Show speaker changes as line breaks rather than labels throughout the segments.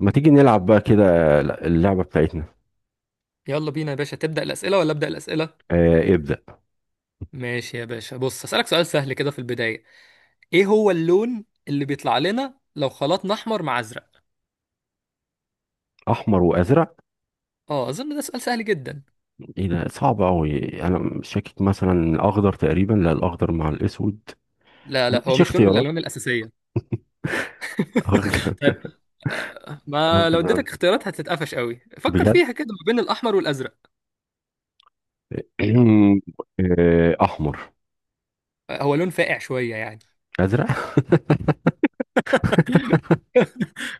ما تيجي نلعب بقى كده؟ اللعبة بتاعتنا.
يلا بينا يا باشا، تبدأ الأسئلة ولا أبدأ الأسئلة؟
آه، ابدأ.
ماشي يا باشا، بص هسألك سؤال سهل كده في البداية. إيه هو اللون اللي بيطلع لنا لو خلطنا أحمر مع أزرق؟
أحمر وأزرق.
آه، أظن ده سؤال سهل جدا.
إيه ده؟ صعب أوي. أنا مش شاكك، مثلا أخضر تقريبا. لا، الأخضر مع الأسود.
لا لا، هو
مفيش
مش لون من
اختيارات؟
الألوان الأساسية.
أخضر.
طيب. آه، ما لو
أخضر،
اديتك اختيارات هتتقفش قوي، فكر
بجد.
فيها كده ما بين الأحمر والأزرق.
أحمر.
آه، هو لون فاقع شوية يعني.
أزرق.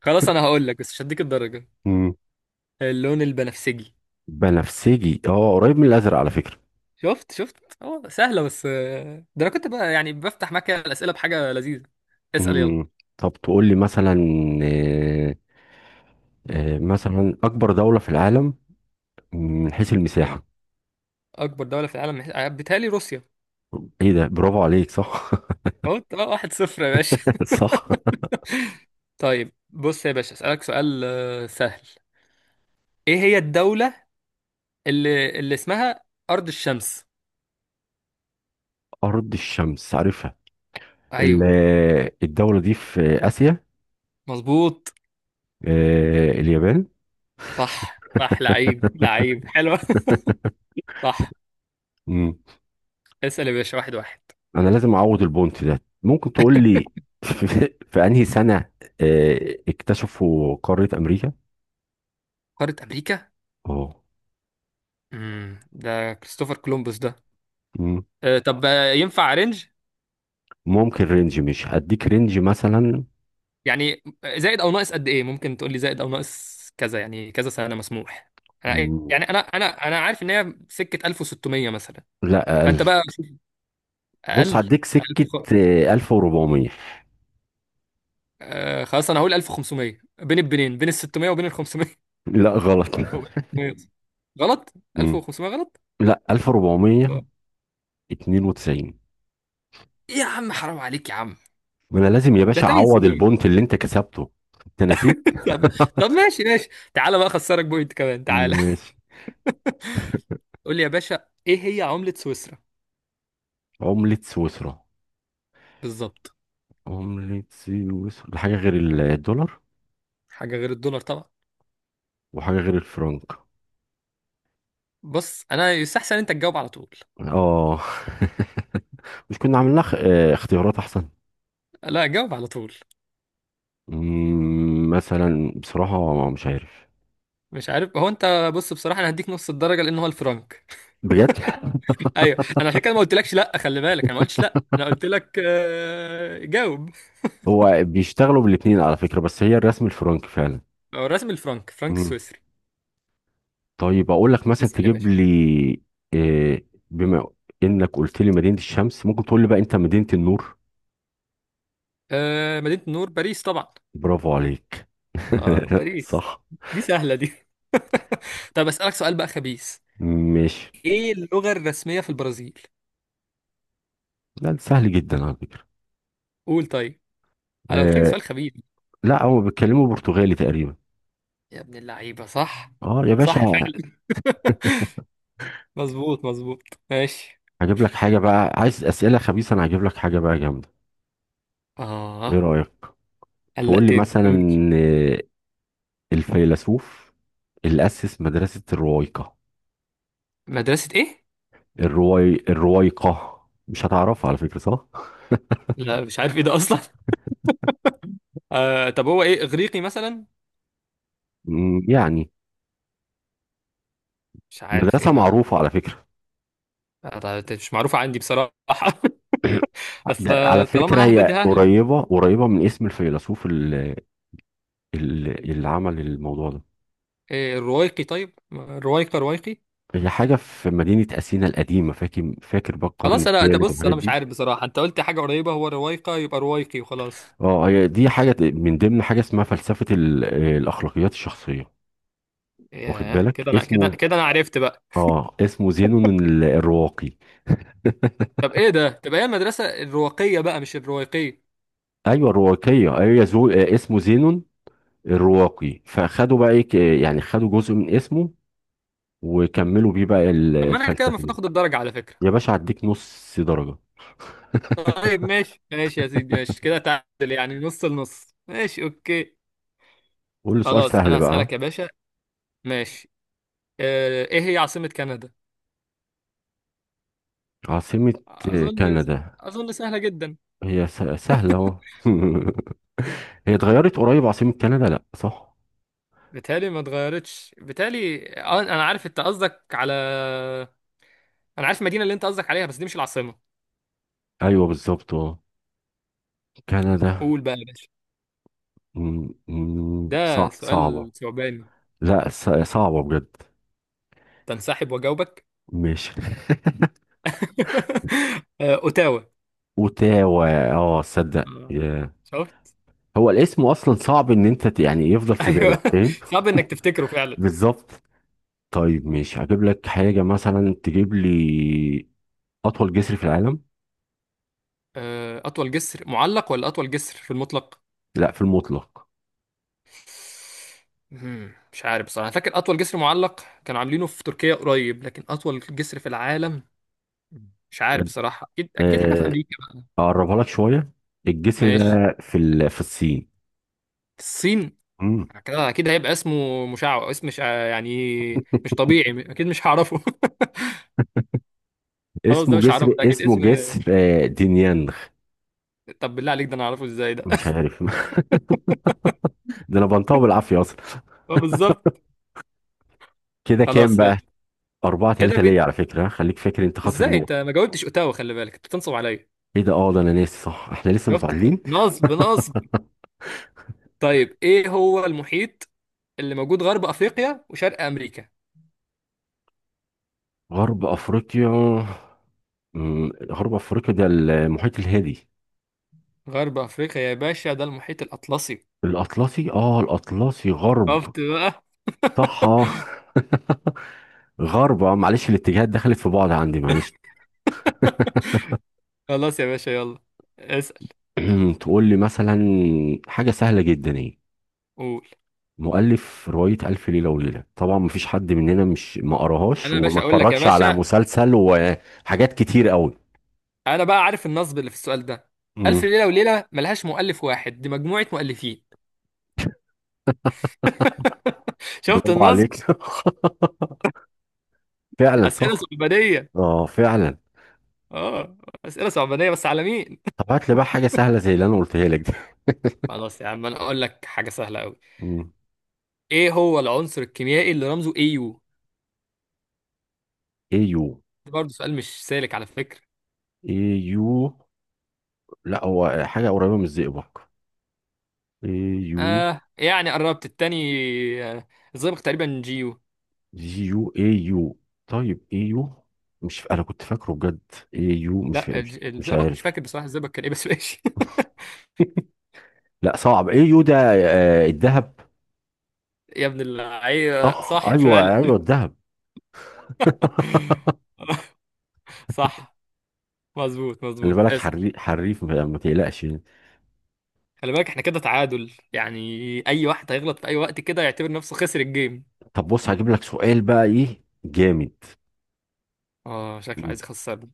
خلاص أنا هقول لك، بس مش هديك الدرجة.
مم.
اللون البنفسجي.
بنفسجي، قريب من الأزرق على فكرة.
شفت شفت. اه سهلة، بس ده انا كنت بقى يعني بفتح معاك الأسئلة بحاجة لذيذة. اسأل يلا.
مم. طب تقول لي مثلا. آه مثلا أكبر دولة في العالم من حيث
من
المساحة.
أكبر دولة في العالم بيتهيألي روسيا.
إيه ده؟ برافو عليك، صح.
اه، 1-0 يا باشا.
صح.
طيب بص يا باشا، أسألك سؤال سهل. ايه هي الدولة اللي اسمها أرض الشمس؟
أرض الشمس، عارفها. ال-
ايوه
الدولة دي في آسيا.
مظبوط.
اليابان.
صح صح، لعيب لعيب، حلو. صح.
مم.
اسأل يا باشا، واحد واحد.
أنا لازم أعوض البونت ده. ممكن تقول لي في في أنهي سنة اكتشفوا قارة أمريكا؟
قارة أمريكا.
أه.
ده كريستوفر كولومبوس ده.
مم.
آه، طب ينفع رينج؟
ممكن رينج، مش هديك رينج مثلا.
يعني زائد او ناقص قد ايه؟ ممكن تقول لي زائد او ناقص كذا، يعني كذا سنه مسموح. انا
مم.
يعني انا عارف ان هي سكه 1600 مثلا،
لا، أقل.
فانت بقى شوف. اقل.
بص، هديك
1000
سكة. 1400.
خلاص انا هقول 1500، بين البنين بين ال 600 وبين ال 500
لا، غلط.
وبين ال 600. غلط.
مم.
1500 غلط.
لا.
آه.
1492.
ايه يا عم؟ حرام عليك يا عم،
ما أنا لازم يا
ده
باشا
8
أعوض
سنين.
البونت اللي أنت كسبته. تنسيت.
طب، طب ماشي ماشي. تعالى بقى اخسرك بوينت كمان، تعالى.
ماشي.
قول لي يا باشا، ايه هي عمله سويسرا؟
عملة سويسرا؟
بالظبط.
عملة سويسرا حاجة غير الدولار.
حاجه غير الدولار طبعا.
وحاجة غير الفرنك.
بص انا يستحسن انت تجاوب على طول.
اه. مش كنا عملنا خ... آه، اختيارات احسن؟
لا، جاوب على طول.
مثلا بصراحة مش عارف.
مش عارف هو انت، بص بصراحه انا هديك نص الدرجه لان هو الفرنك.
بجد.
ايوه، انا عشان كده ما قلتلكش لا، خلي بالك انا ما قلتش لا، انا قلت لك جاوب.
هو بيشتغلوا بالاتنين على فكرة، بس هي الرسم الفرنك فعلا.
هو الرسم الفرنك، فرنك
مم.
السويسري.
طيب اقول لك مثلا
اسال يا
تجيب
باشا.
لي آه، بما انك قلت لي مدينة الشمس، ممكن تقول لي بقى انت مدينة النور؟
مدينه النور باريس طبعا.
برافو عليك.
اه، باريس.
صح.
دي سهله دي. طب اسالك سؤال بقى خبيث.
ماشي.
ايه اللغه الرسميه في البرازيل؟
لا، ده سهل جدا على فكرة.
قول طيب، انا قلت لك
آه
سؤال خبيث.
لا، هو بيتكلموا برتغالي تقريبا.
يا ابن اللعيبه، صح.
اه يا
صح
باشا.
فعلا. مظبوط مظبوط. ماشي.
هجيب لك حاجة بقى، عايز أسئلة خبيثة؟ أنا هجيب لك حاجة بقى جامدة. إيه
اه
رأيك؟ تقول لي
قلقتني.
مثلا آه، الفيلسوف اللي أسس مدرسة الروايقة.
مدرسة ايه؟
الروايقة. مش هتعرفها على فكرة، صح؟
لا مش عارف ايه ده اصلا. آه طب، هو ايه اغريقي مثلا؟
يعني
مش عارف ايه
مدرسة
ما.
معروفة على فكرة.
آه، مش معروفة عندي بصراحة. بس
ده على فكرة
طالما ههبد
هي
ههبد.
قريبة قريبة من اسم الفيلسوف اللي، اللي عمل الموضوع ده.
إيه الروايقي طيب؟ روايقة روايقي.
هي حاجة في مدينة أثينا القديمة، فاكر فاكر بقى القرن
خلاص، انا ده
الثالث
بص
والحاجات
انا مش
دي.
عارف بصراحة، انت قلت حاجة قريبة، هو روايقة يبقى روايقي وخلاص.
اه، هي دي حاجة من ضمن حاجة اسمها فلسفة الأخلاقيات الشخصية. واخد
ياه،
بالك
كده انا كده
اسمه.
كده انا عرفت بقى.
اه، اسمه زينون الرواقي.
طب ايه ده؟ تبقى هي المدرسة الرواقية بقى مش الروايقية.
أيوه الرواقية، أيوه زو... آه، اسمه زينون الرواقي. فخدوا بقى ايه يعني خدوا جزء من اسمه وكملوا بيه بقى
طب ما انا كده
الفلسفة
المفروض
دي.
اخد الدرجة على
يا
فكرة.
باشا هديك نص درجة.
طيب ماشي ماشي يا سيدي، ماشي كده تعادل يعني، نص لنص، ماشي اوكي.
قول لي سؤال
خلاص
سهل
انا
بقى.
هسألك يا باشا. ماشي. آه، ايه هي عاصمة كندا؟
عاصمة
اظن.
كندا؟
اظن سهلة جدا.
هي سهلة اهو. هي اتغيرت قريب عاصمة كندا، لا صح؟
بتهيألي ما اتغيرتش، بتهيألي انا عارف انت قصدك على. انا عارف المدينة اللي انت قصدك عليها، بس دي مش العاصمة.
ايوه بالظبط، اه. كندا.
قول بقى يا باشا. ده
صعبة.
سؤال ثعباني.
لا، صعبة بجد.
تنسحب واجاوبك؟
ماشي.
آه، اوتاوا.
اوتاوا. اه، صدق.
آه،
ياه.
شفت.
هو الاسم اصلا صعب ان انت يعني يفضل في بالك،
ايوه،
فاهم؟
صعب انك تفتكره فعلا.
بالظبط. طيب ماشي، هجيب لك حاجة مثلا تجيب لي اطول جسر في العالم.
آه، أطول جسر معلق ولا أطول جسر في المطلق؟
لا، في المطلق.
مش عارف بصراحة، أنا فاكر أطول جسر معلق كانوا عاملينه في تركيا قريب، لكن أطول جسر في العالم مش عارف
كان-
بصراحة. أكيد أكيد حاجة في
آه،
أمريكا بقى.
اقربها لك شوية. الجسر
ماشي.
ده في في الصين.
الصين.
مم.
كده أكيد هيبقى اسمه مشعوذ، اسم مش يعني مش طبيعي، أكيد مش هعرفه. خلاص،
اسمه
ده مش
جسر
هعرفه، ده أكيد
اسمه
اسم.
جسر آه، دينيانغ.
طب بالله عليك، ده أنا هعرفه إزاي ده؟
مش عارف. ده انا بنطقه بالعافيه اصلا.
اه بالظبط.
كده كام
خلاص
بقى؟
يلا.
4
كده
3 ليا على فكره، خليك فاكر انت خاسر
إزاي أنت
نقطه.
ما جاوبتش أوتاوا؟ خلي بالك أنت بتنصب عليا.
ايه ده؟ اه، ده انا ناسي، صح احنا لسه
شفت.
متعادلين.
نصب نصب. طيب ايه هو المحيط اللي موجود غرب افريقيا وشرق امريكا؟
غرب افريقيا؟ غرب افريقيا ده المحيط الهادي.
غرب افريقيا يا باشا، ده المحيط الاطلسي.
الاطلسي، اه الاطلسي غرب.
شفت بقى.
صح. آه. غرب، معلش الاتجاهات دخلت في بعض عندي، معلش.
خلاص يا باشا، يلا اسأل.
تقول لي مثلا حاجه سهله جدا، ايه
قول.
مؤلف رواية ألف ليلة وليلة؟ طبعا مفيش حد مننا مش ما قراهاش
انا يا
وما
باشا اقول لك يا
اتفرجش على
باشا،
مسلسل وحاجات كتير قوي.
انا بقى عارف النصب اللي في السؤال ده. الف
مم.
ليلة وليلة ملهاش مؤلف واحد، دي مجموعة مؤلفين. شفت
برافو
النصب.
عليك. فعلا
اسئلة
صح.
صعبانية.
اه فعلا.
اه، اسئلة صعبانية بس على مين؟
طب هات لي بقى حاجة سهلة زي اللي أنا قلتها لك دي.
خلاص يا عم، انا اقول لك حاجة سهلة قوي.
مم.
ايه هو العنصر الكيميائي اللي رمزه AU؟
ايو.
برضه سؤال مش سالك على فكرة.
ايو. لا، هو حاجة قريبة من الزئبق. ايو.
آه يعني قربت، التاني آه. الزئبق تقريبا جيو.
جيو ايو. طيب ايو. مش انا كنت فاكره بجد. ايو، مش ف...
لا
مش مش
الزئبق مش
عارف.
فاكر بصراحة الزئبق كان ايه، بس ماشي.
لا صعب. ايو ده الذهب.
يا ابن اللعيبة،
صح،
صح
ايوه
فعلا.
ايوه الذهب.
صح. مظبوط
خلي
مظبوط.
بالك،
اسأل.
حريف، ما تقلقش يعني.
خلي بالك، احنا كده تعادل يعني. اي واحد هيغلط في اي وقت كده يعتبر نفسه خسر الجيم.
طب بص، هجيب لك سؤال بقى ايه جامد.
اه، شكله
مم.
عايز يخسرني.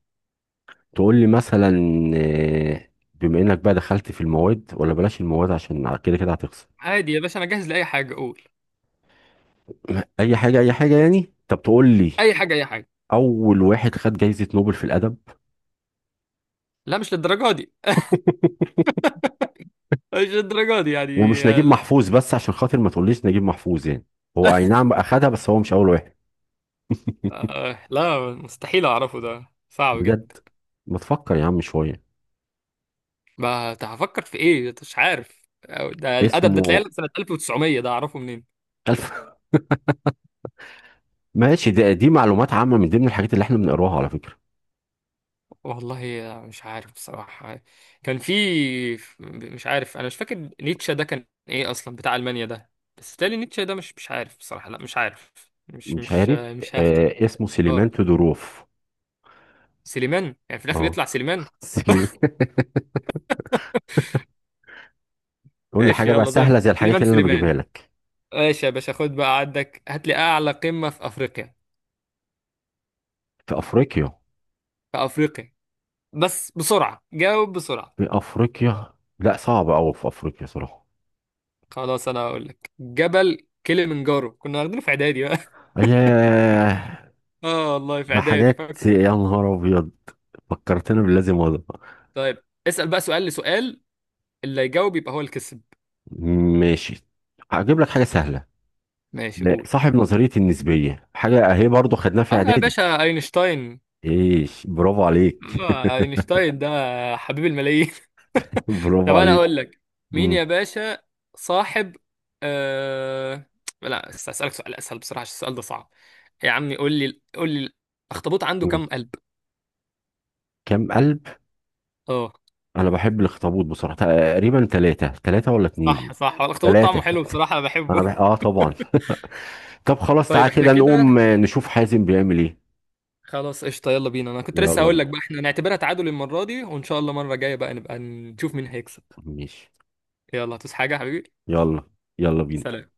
تقول لي مثلا بما انك بقى دخلت في المواد، ولا بلاش المواد عشان كده كده هتخسر.
عادي يا باشا، انا جاهز لأي حاجة، قول.
اي حاجه اي حاجه يعني، طب تقول لي
اي حاجة اي حاجة.
اول واحد خد جايزه نوبل في الادب.
لا مش للدرجة دي. مش للدرجة دي يعني،
ومش
آه،
نجيب
لا.
محفوظ، بس عشان خاطر ما تقوليش نجيب محفوظ يعني. هو اي نعم اخدها، بس هو مش اول واحد.
آه لا، مستحيل اعرفه، ده صعب جدا.
بجد. ما تفكر يا عم شويه.
ما ت- هفكر في ايه؟ مش عارف. أو ده الادب ده تلاقيه
اسمه
سنه 1900، ده اعرفه منين؟
ألف. ماشي، ده دي معلومات عامة من ضمن الحاجات اللي احنا بنقراها على فكرة.
والله مش عارف بصراحه. كان في. مش عارف، انا مش فاكر نيتشه ده كان ايه اصلا، بتاع المانيا ده. بس تالي نيتشه ده مش عارف بصراحه، لا مش عارف. مش
مش
مش
عارف.
مش هفتي.
اسمه سليمان
اه
تودوروف.
سليمان، يعني في الاخر
اه.
يطلع سليمان.
سليمان. قول لي
ماشي
حاجة بقى
يلا زي ما-
سهلة زي الحاجات
سليمان
اللي انا بجيبها
سليمان.
لك.
ماشي يا باشا، خد بقى عندك، هات لي اعلى قمه في افريقيا.
في افريقيا؟
في افريقيا، بس بسرعة، جاوب بسرعة.
في افريقيا. لا، صعب قوي في افريقيا صراحة.
خلاص أنا هقول لك، جبل كليمنجارو، كنا واخدينه في إعدادي بقى.
ياه.
آه والله في
ده
إعدادي
حاجات،
فاكره.
يا نهار ابيض. فكرتنا بالذي مضى.
طيب اسأل بقى سؤال لسؤال، اللي يجاوب يبقى هو اللي كسب.
ماشي، هجيب لك حاجة سهلة.
ماشي
لا،
قول.
صاحب نظرية النسبية، حاجة اهي برضو خدناها في
آه يا
اعدادي.
باشا، أينشتاين.
ايش، برافو عليك.
آه أينشتاين، ده حبيب الملايين. طب
برافو
أنا
عليك.
أقول لك. مين
مم.
يا باشا صاحب آه... لا، أسألك سؤال أسهل بصراحة، عشان السؤال ده صعب. يا عمي قول لي قول لي، الأخطبوط عنده كام
مم.
قلب؟
كام قلب؟
اه
انا بحب الاخطبوط بصراحه، تقريبا ثلاثه، ثلاثه ولا اتنين.
صح صح، الاخطبوط طعمه
ثلاثه.
حلو بصراحة انا
انا
بحبه.
بح... اه طبعا. طب خلاص
طيب
تعالى
احنا
كده نقوم
كده.
نشوف حازم بيعمل ايه.
خلاص قشطة، يلا بينا. انا كنت لسه
يلا
هقول لك
بينا.
بقى احنا نعتبرها تعادل المرة دي، وان شاء الله المرة الجاية بقى نبقى نشوف مين هيكسب.
ماشي
يلا هتوس حاجة يا حبيبي.
يلا. يلا بينا.
سلام.